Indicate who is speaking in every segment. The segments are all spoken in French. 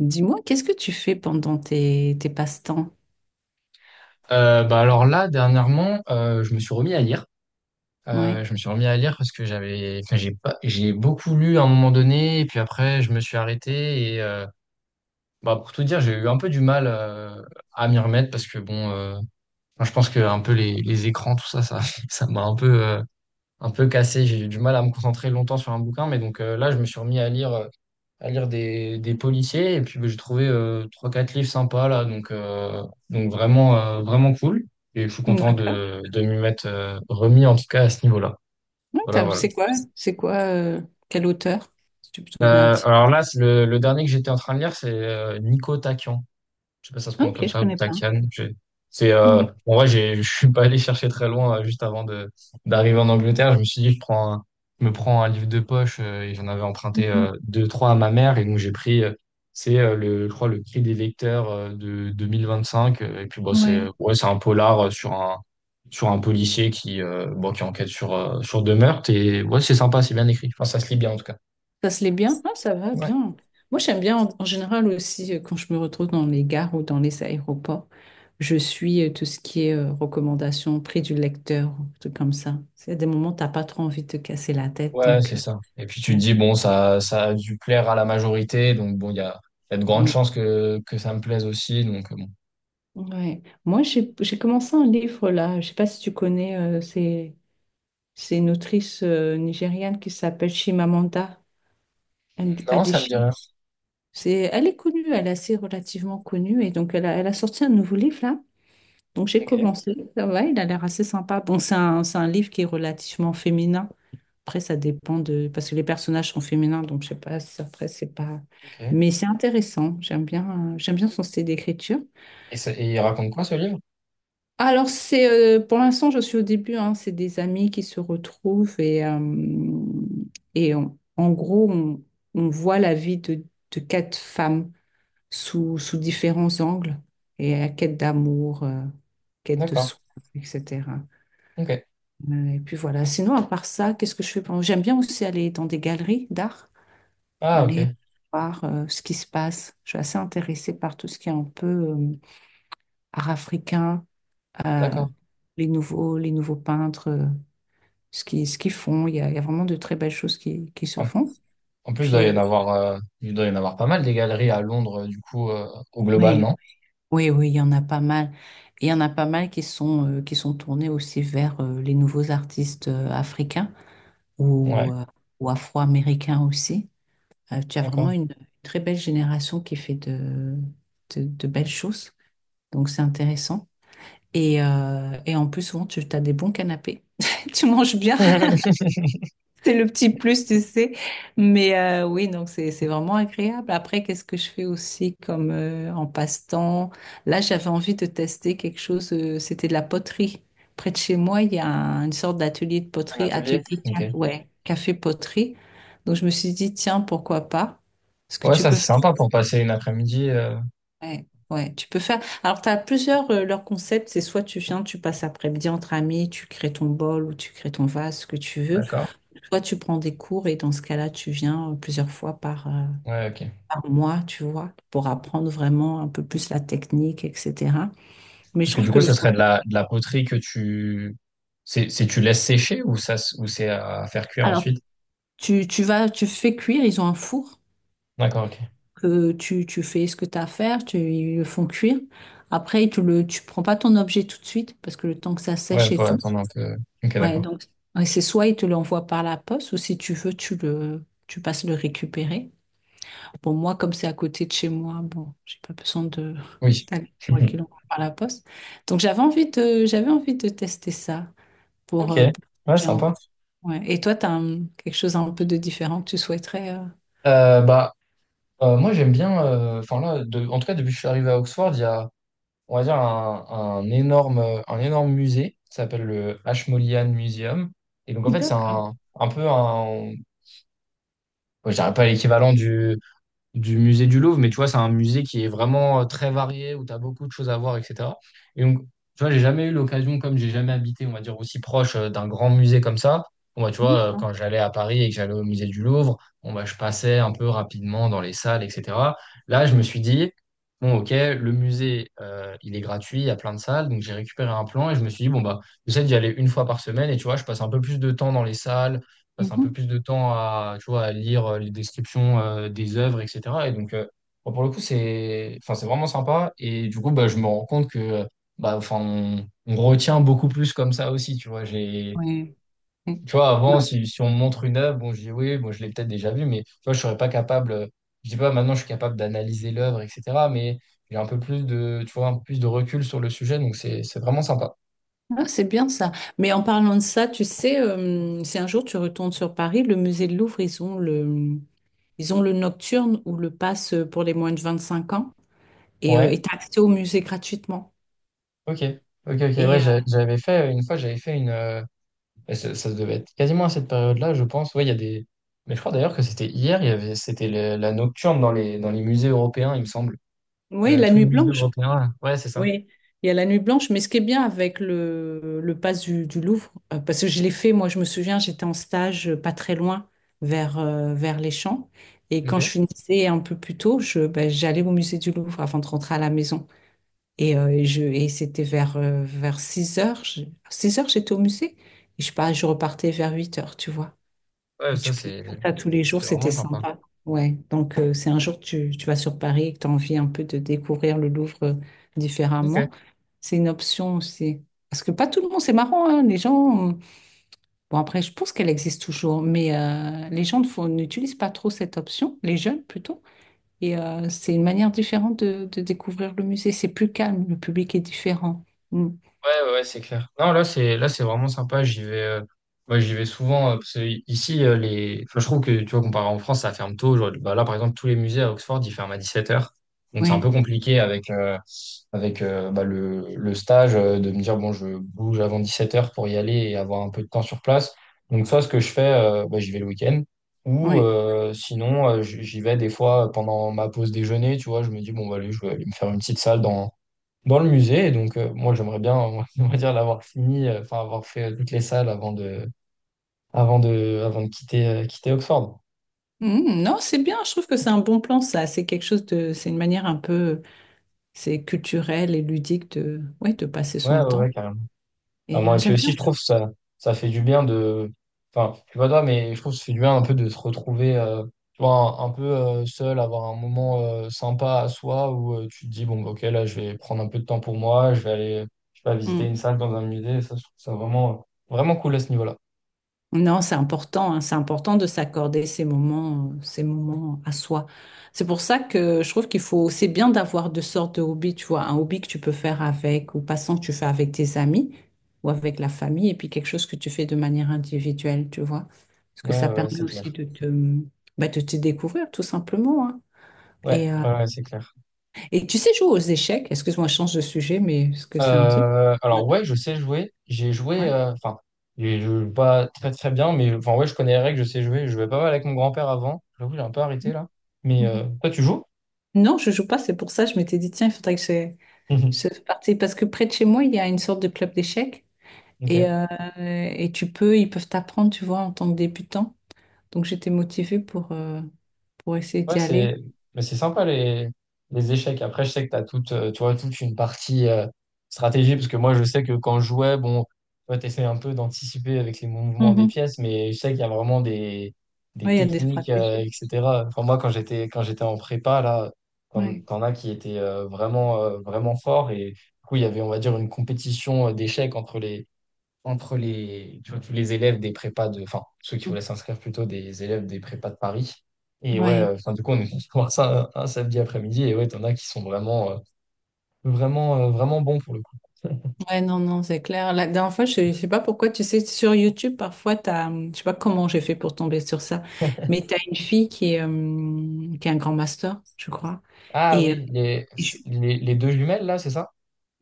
Speaker 1: Dis-moi, qu'est-ce que tu fais pendant tes passe-temps?
Speaker 2: Bah alors là, dernièrement, je me suis remis à lire.
Speaker 1: Ouais.
Speaker 2: Je me suis remis à lire parce que j'avais, enfin, j'ai pas, j'ai beaucoup lu à un moment donné, et puis après, je me suis arrêté. Bah, pour tout dire, j'ai eu un peu du mal à m'y remettre parce que bon, enfin, je pense que un peu les écrans, tout ça, ça m'a un peu cassé. J'ai eu du mal à me concentrer longtemps sur un bouquin, mais donc là, je me suis remis à lire. À lire des policiers. Et puis, bah, j'ai trouvé trois quatre livres sympas, là. Donc vraiment, vraiment cool. Et je suis content
Speaker 1: D'accord.
Speaker 2: de m'y mettre remis, en tout cas, à ce niveau-là. Voilà, voilà.
Speaker 1: C'est quoi? C'est quoi? Quel auteur? Si tu peux te donner un titre.
Speaker 2: Alors là, c'est le dernier que j'étais en train de lire, c'est Nico Taquian. Je sais pas, si ça se prononce
Speaker 1: Ok,
Speaker 2: comme
Speaker 1: je
Speaker 2: ça, ou
Speaker 1: connais pas.
Speaker 2: Takian. C'est,
Speaker 1: Mm.
Speaker 2: en vrai, je suis pas allé chercher très loin juste avant d'arriver en Angleterre. Je me suis dit, je me prends un livre de poche et j'en avais emprunté deux, trois à ma mère. Et donc, j'ai pris, c'est le, je crois, le Cri des lecteurs de 2025. Et puis, bon,
Speaker 1: Ouais.
Speaker 2: ouais, c'est un polar sur un policier qui, bon, qui enquête sur deux meurtres. Et ouais, c'est sympa, c'est bien écrit. Enfin, ça se lit bien en tout cas.
Speaker 1: Ça se l'est bien? Ah, ça va
Speaker 2: Ouais.
Speaker 1: bien. Moi, j'aime bien en général aussi quand je me retrouve dans les gares ou dans les aéroports. Je suis tout ce qui est recommandations, prix du lecteur, tout comme ça. C'est à des moments où t'as pas trop envie de te casser la tête,
Speaker 2: Ouais,
Speaker 1: donc.
Speaker 2: c'est
Speaker 1: euh,
Speaker 2: ça. Et puis tu te dis, bon, ça a dû plaire à la majorité, donc bon, il y a de grandes
Speaker 1: Ouais.
Speaker 2: chances que ça me plaise aussi, donc bon.
Speaker 1: Ouais. Moi, j'ai commencé un livre là. Je sais pas si tu connais, c'est une autrice nigériane qui s'appelle Chimamanda
Speaker 2: Non, ça me dit rien.
Speaker 1: Adichie. C'est, elle est connue, elle est assez relativement connue et donc elle a sorti un nouveau livre là. Donc j'ai
Speaker 2: Ok,
Speaker 1: commencé. Ça va, il a l'air assez sympa. Bon, c'est un livre qui est relativement féminin. Après, ça dépend de parce que les personnages sont féminins, donc je sais pas. Si après, c'est pas.
Speaker 2: ok.
Speaker 1: Mais c'est intéressant. J'aime bien son style d'écriture.
Speaker 2: Et il raconte quoi ce livre?
Speaker 1: Alors, c'est pour l'instant, je suis au début, hein, c'est des amis qui se retrouvent et en gros, on voit la vie de quatre femmes sous différents angles et la quête d'amour, quête de
Speaker 2: D'accord,
Speaker 1: soi, etc.
Speaker 2: ok.
Speaker 1: Et puis voilà, sinon, à part ça, qu'est-ce que je fais? J'aime bien aussi aller dans des galeries d'art,
Speaker 2: Ah,
Speaker 1: aller
Speaker 2: ok,
Speaker 1: voir ce qui se passe. Je suis assez intéressée par tout ce qui est un peu art africain euh,
Speaker 2: d'accord.
Speaker 1: les nouveaux peintres, ce qu'ils font. Il y a vraiment de très belles choses qui se
Speaker 2: En,
Speaker 1: font.
Speaker 2: en plus, il
Speaker 1: Puis,
Speaker 2: doit y en
Speaker 1: euh,
Speaker 2: avoir, il doit y en avoir pas mal des galeries à Londres, du coup, au global,
Speaker 1: ouais,
Speaker 2: non?
Speaker 1: oui, il y en a pas mal. Il y en a pas mal qui sont tournés aussi vers les nouveaux artistes africains ou,
Speaker 2: Ouais,
Speaker 1: euh, ou afro-américains aussi. Tu as vraiment
Speaker 2: d'accord.
Speaker 1: une très belle génération qui fait de belles choses. Donc, c'est intéressant. Et en plus, souvent, tu as des bons canapés. Tu manges bien. C'est le petit plus, tu sais. Mais oui, donc c'est vraiment agréable. Après, qu'est-ce que je fais aussi comme en passe-temps? Là, j'avais envie de tester quelque chose. C'était de la poterie. Près de chez moi, il y a un- une sorte d'atelier de poterie,
Speaker 2: Ok.
Speaker 1: ouais, café poterie. Donc je me suis dit, tiens, pourquoi pas? Ce que
Speaker 2: Ouais,
Speaker 1: tu
Speaker 2: ça
Speaker 1: peux
Speaker 2: c'est
Speaker 1: faire.
Speaker 2: sympa pour passer une après-midi.
Speaker 1: Ouais, tu peux faire. Alors, tu as plusieurs, leurs concepts. C'est soit tu viens, tu passes après-midi entre amis, tu crées ton bol ou tu crées ton vase, ce que tu veux.
Speaker 2: D'accord.
Speaker 1: Toi, tu prends des cours et dans ce cas-là, tu viens euh, plusieurs fois
Speaker 2: Ouais, ok.
Speaker 1: par mois, tu vois, pour apprendre vraiment un peu plus la technique, etc. Mais je
Speaker 2: Parce que
Speaker 1: trouve
Speaker 2: du
Speaker 1: que
Speaker 2: coup,
Speaker 1: le...
Speaker 2: ce serait de la poterie que tu... C'est tu laisses sécher ou ça, ou c'est à faire cuire
Speaker 1: Alors,
Speaker 2: ensuite?
Speaker 1: tu vas, tu fais cuire, ils ont un four
Speaker 2: D'accord, ok.
Speaker 1: que tu fais ce que tu as à faire, ils le font cuire. Après, tu prends pas ton objet tout de suite parce que le temps que ça
Speaker 2: Ouais,
Speaker 1: sèche
Speaker 2: faut
Speaker 1: et tout.
Speaker 2: attendre un peu. Ok,
Speaker 1: Ouais,
Speaker 2: d'accord.
Speaker 1: donc ouais, c'est soit ils te l'envoient par la poste ou si tu veux, tu passes le récupérer. Pour moi, comme c'est à côté de chez moi, bon, j'ai pas besoin de
Speaker 2: Oui.
Speaker 1: d'aller 3 kilomètres par la poste. Donc, j'avais envie de tester ça
Speaker 2: Ok.
Speaker 1: pour
Speaker 2: Ouais,
Speaker 1: changer un peu.
Speaker 2: sympa.
Speaker 1: Ouais. Et toi, tu as quelque chose un peu de différent que tu souhaiterais.
Speaker 2: Bah, moi, j'aime bien... Enfin là, en tout cas, depuis que je suis arrivé à Oxford, il y a, on va dire, un énorme musée qui s'appelle le Ashmolean Museum. Et donc, en fait, c'est
Speaker 1: D'accord.
Speaker 2: un peu un... bon, je dirais pas l'équivalent du musée du Louvre, mais tu vois, c'est un musée qui est vraiment très varié, où tu as beaucoup de choses à voir, etc. Et donc, tu vois, j'ai jamais eu l'occasion, comme j'ai jamais habité, on va dire, aussi proche d'un grand musée comme ça. Bon, bah, tu vois,
Speaker 1: D'accord.
Speaker 2: quand j'allais à Paris et que j'allais au musée du Louvre, bon, bah, je passais un peu rapidement dans les salles, etc. Là, je me suis dit, bon, ok, le musée, il est gratuit, il y a plein de salles, donc j'ai récupéré un plan et je me suis dit, bon, bah, j'essaie d'y aller une fois par semaine et tu vois, je passe un peu plus de temps dans les salles, passe un peu
Speaker 1: Mhm.
Speaker 2: plus de temps à, tu vois, à lire les descriptions des œuvres, etc. Et donc, bon, pour le coup, enfin, c'est vraiment sympa. Et du coup, bah, je me rends compte que, bah, enfin, on retient beaucoup plus comme ça aussi, tu vois. J'ai,
Speaker 1: Ouais. Ouais.
Speaker 2: tu vois, avant,
Speaker 1: Non.
Speaker 2: si on me montre une œuvre, bon, je dis oui, bon, je l'ai peut-être déjà vue, mais tu vois, je serais pas capable. Je dis pas maintenant, je suis capable d'analyser l'œuvre, etc. Mais j'ai un peu plus de, tu vois, un peu plus de recul sur le sujet, donc c'est vraiment sympa.
Speaker 1: Ah, c'est bien ça. Mais en parlant de ça, tu sais, si un jour tu retournes sur Paris, le musée de Louvre, ils ont le nocturne ou le pass pour les moins de 25 ans
Speaker 2: Ouais.
Speaker 1: et t'as accès au musée gratuitement.
Speaker 2: Ok. Ok, ok,
Speaker 1: Et
Speaker 2: ouais,
Speaker 1: euh,
Speaker 2: j'avais fait une fois, j'avais fait une, Et ça devait être quasiment à cette période-là, je pense. Ouais, il y a des. Mais je crois d'ailleurs que c'était hier, c'était la nocturne dans les musées européens, il me semble.
Speaker 1: Oui, la
Speaker 2: Tous les
Speaker 1: nuit
Speaker 2: musées
Speaker 1: blanche.
Speaker 2: européens. Là. Ouais, c'est ça.
Speaker 1: Oui, il y a la nuit blanche. Mais ce qui est bien avec le pass du Louvre, parce que je l'ai fait, moi, je me souviens, j'étais en stage pas très loin vers, vers les Champs. Et quand je
Speaker 2: Ok.
Speaker 1: finissais un peu plus tôt, j'allais au musée du Louvre avant de rentrer à la maison. Et c'était vers, vers 6 heures, j'étais au musée. Et je sais pas, je repartais vers 8 heures, tu vois.
Speaker 2: Ouais,
Speaker 1: Et
Speaker 2: ça,
Speaker 1: tu peux
Speaker 2: c'est
Speaker 1: faire ça tous les jours,
Speaker 2: c'est
Speaker 1: c'était
Speaker 2: vraiment sympa.
Speaker 1: sympa. Ouais. Donc, si un jour tu vas sur Paris et que tu as envie un peu de découvrir le Louvre
Speaker 2: Ok.
Speaker 1: différemment, c'est une option aussi. Parce que pas tout le monde, c'est marrant, hein, les gens. Bon, après, je pense qu'elle existe toujours, mais les gens ne font- n'utilisent pas trop cette option, les jeunes plutôt. C'est une manière différente de découvrir le musée. C'est plus calme, le public est différent. Mm.
Speaker 2: Ouais, ouais, ouais, c'est clair. Non, là, c'est vraiment sympa. J'y vais, ouais, j'y vais souvent parce que ici, enfin, je trouve que tu vois, comparé en France, ça ferme tôt. Genre, bah, là, par exemple, tous les musées à Oxford, ils ferment à 17h. Donc, c'est un peu
Speaker 1: Ouais,
Speaker 2: compliqué avec bah, le stage de me dire, bon, je bouge avant 17h pour y aller et avoir un peu de temps sur place. Donc, soit ce que je fais, bah, j'y vais le week-end ou
Speaker 1: ouais.
Speaker 2: sinon, j'y vais des fois pendant ma pause déjeuner. Tu vois, je me dis, bon, bah, allez, je vais aller me faire une petite salle dans le musée. Et donc, moi, j'aimerais bien, on on va dire, l'avoir fini, enfin, avoir fait toutes les salles avant de quitter Oxford.
Speaker 1: Mm, non, c'est bien, je trouve que c'est un bon plan, ça. C'est quelque chose de. C'est une manière un peu. C'est culturel et ludique de, ouais, de passer
Speaker 2: Ouais,
Speaker 1: son
Speaker 2: ouais, ouais,
Speaker 1: temps.
Speaker 2: carrément. Vraiment. Et puis
Speaker 1: J'aime bien
Speaker 2: aussi, je
Speaker 1: faire.
Speaker 2: trouve ça, ça fait du bien de, enfin, je sais pas toi, mais je trouve que ça fait du bien un peu de se retrouver, tu vois, un peu seul, avoir un moment sympa à soi où tu te dis, bon, bah, ok, là, je vais prendre un peu de temps pour moi, je vais aller, je sais pas, visiter
Speaker 1: Mm.
Speaker 2: une salle dans un musée. Ça, je trouve ça vraiment, vraiment cool à ce niveau-là.
Speaker 1: Non, c'est important, hein, c'est important de s'accorder ces moments à soi. C'est pour ça que je trouve qu'il faut, c'est bien d'avoir deux sortes de hobbies, tu vois, un hobby que tu peux faire avec ou passant que tu fais avec tes amis ou avec la famille, et puis quelque chose que tu fais de manière individuelle, tu vois. Parce
Speaker 2: Ouais,
Speaker 1: que ça
Speaker 2: ouais, ouais,
Speaker 1: permet
Speaker 2: c'est
Speaker 1: aussi
Speaker 2: clair.
Speaker 1: de de te découvrir, tout simplement, hein.
Speaker 2: Ouais,
Speaker 1: Et, euh,
Speaker 2: ouais, ouais, c'est clair.
Speaker 1: et tu sais jouer aux échecs, excuse-moi, je change de sujet, mais est-ce que c'est un truc?
Speaker 2: Alors ouais, je sais jouer. J'ai joué,
Speaker 1: Ouais.
Speaker 2: enfin, je joue pas très très bien, mais enfin ouais, je connais les règles, je sais jouer. Je jouais pas mal avec mon grand-père avant. J'avoue, j'ai un peu arrêté là. Mais
Speaker 1: Mhm.
Speaker 2: toi, tu joues?
Speaker 1: Non, je joue pas, c'est pour ça je m'étais dit, tiens, il faudrait que je participe. Parce que près de chez moi, il y a une sorte de club d'échecs et,
Speaker 2: Ok.
Speaker 1: euh, et tu peux, ils peuvent t'apprendre, tu vois, en tant que débutant. Donc j'étais motivée pour essayer
Speaker 2: Ouais,
Speaker 1: d'y aller.
Speaker 2: c'est mais c'est sympa les échecs. Après, je sais que tu as toute, tu vois, toute une partie stratégie, parce que moi, je sais que quand je jouais, bon, tu essaies un peu d'anticiper avec les mouvements des
Speaker 1: Mhm.
Speaker 2: pièces, mais je sais qu'il y a vraiment des
Speaker 1: Ouais, il y a des
Speaker 2: techniques,
Speaker 1: stratégies.
Speaker 2: etc. Enfin, moi, quand j'étais en prépa, là, t'en
Speaker 1: Ouais.
Speaker 2: t'en as qui étaient vraiment, vraiment forts. Et du coup, il y avait, on va dire, une compétition d'échecs entre les, tu vois, tous les élèves des prépas de, enfin, ceux qui
Speaker 1: Mhm.
Speaker 2: voulaient s'inscrire plutôt des élèves des prépas de Paris. Et ouais,
Speaker 1: Ouais,
Speaker 2: enfin, du coup, on est voir ça un samedi après-midi. Et ouais, t'en as qui sont vraiment, vraiment, vraiment bons pour le coup.
Speaker 1: ouais, non, non, c'est clair. La dernière fois, je sais pas pourquoi, tu sais, sur YouTube, parfois, je sais pas comment j'ai fait pour tomber sur ça, mais t'as une fille qui est un grand master, je crois.
Speaker 2: Ah
Speaker 1: Et, euh,
Speaker 2: oui,
Speaker 1: et je-
Speaker 2: les deux jumelles là, c'est ça?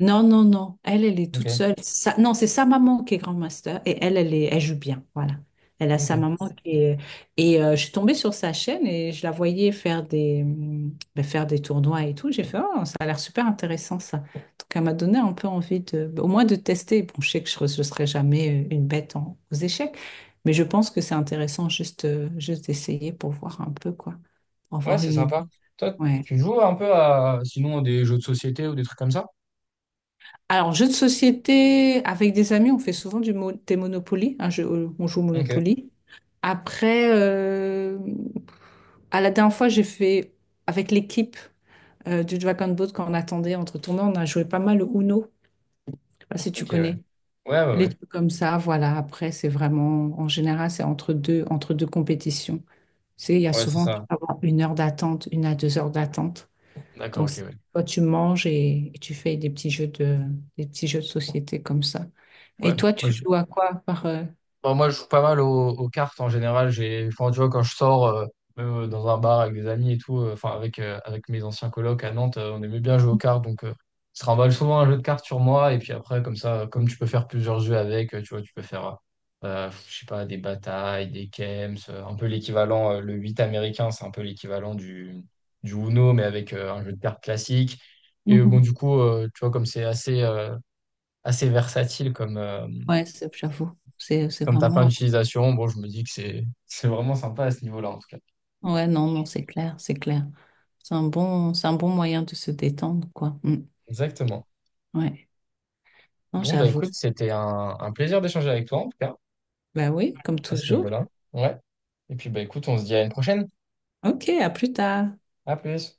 Speaker 1: Non, non, non. Elle, elle est toute
Speaker 2: Ok,
Speaker 1: seule. Non, c'est sa maman qui est grand master et elle, elle est, elle joue bien. Voilà. Elle a sa
Speaker 2: ok.
Speaker 1: maman qui est. Je suis tombée sur sa chaîne et je la voyais faire des, ben, faire des tournois et tout. J'ai fait, oh, ça a l'air super intéressant ça. Donc, elle m'a donné un peu envie de, au moins de tester. Bon, je sais que je ne serai jamais une bête aux échecs, mais je pense que c'est intéressant juste, juste d'essayer pour voir un peu, quoi, pour
Speaker 2: Ouais,
Speaker 1: avoir
Speaker 2: c'est
Speaker 1: une idée.
Speaker 2: sympa. Toi,
Speaker 1: Ouais.
Speaker 2: tu joues un peu à, sinon, à des jeux de société ou des trucs comme ça?
Speaker 1: Alors, jeu de société, avec des amis, on fait souvent du mo- des Monopoly. Un jeu- on joue au
Speaker 2: Ok,
Speaker 1: Monopoly. Après, euh, à la dernière fois, j'ai fait avec l'équipe du Dragon Boat quand on attendait entre tournois, on a joué pas mal au Uno. Je sais pas si tu
Speaker 2: ok, ouais.
Speaker 1: connais.
Speaker 2: Ouais, ouais,
Speaker 1: Les
Speaker 2: ouais.
Speaker 1: trucs comme ça, voilà. Après, c'est vraiment, en général, c'est entre deux compétitions. Tu sais, il y a
Speaker 2: Ouais, c'est
Speaker 1: souvent tu
Speaker 2: ça.
Speaker 1: peux avoir une heure d'attente, une à deux heures d'attente.
Speaker 2: D'accord,
Speaker 1: Donc,
Speaker 2: ok,
Speaker 1: c'est-
Speaker 2: ouais.
Speaker 1: toi, tu manges et tu fais des petits jeux de, des petits jeux de société comme ça.
Speaker 2: Ouais.
Speaker 1: Et toi,
Speaker 2: Moi,
Speaker 1: tu joues à quoi par,
Speaker 2: Bon, moi, je joue pas mal aux cartes en général. J'ai, enfin, tu vois, quand je sors même dans un bar avec des amis et tout, enfin, avec mes anciens colocs à Nantes, on aimait bien jouer aux cartes. Donc, je trimballe souvent un jeu de cartes sur moi. Et puis après, comme ça, comme tu peux faire plusieurs jeux avec, tu vois, tu peux faire, je sais pas, des batailles, des chems, un peu l'équivalent, le 8 américain, c'est un peu l'équivalent du Uno, mais avec un jeu de cartes classique. Et bon,
Speaker 1: Mhm.
Speaker 2: du coup, tu vois, comme c'est assez, assez versatile
Speaker 1: J'avoue, c'est
Speaker 2: Comme ta fin
Speaker 1: vraiment...
Speaker 2: d'utilisation, bon, je me dis que c'est vraiment sympa à ce niveau-là, en tout cas.
Speaker 1: Ouais, non, non, c'est clair, c'est clair. C'est un bon moyen de se détendre, quoi. Mm.
Speaker 2: Exactement.
Speaker 1: Ouais, non,
Speaker 2: Bon, bah écoute,
Speaker 1: j'avoue.
Speaker 2: c'était un plaisir d'échanger avec toi, en tout cas,
Speaker 1: Bah oui, comme
Speaker 2: à ce
Speaker 1: toujours.
Speaker 2: niveau-là. Ouais. Et puis, bah écoute, on se dit à une prochaine.
Speaker 1: Ok, à plus tard.
Speaker 2: À plus.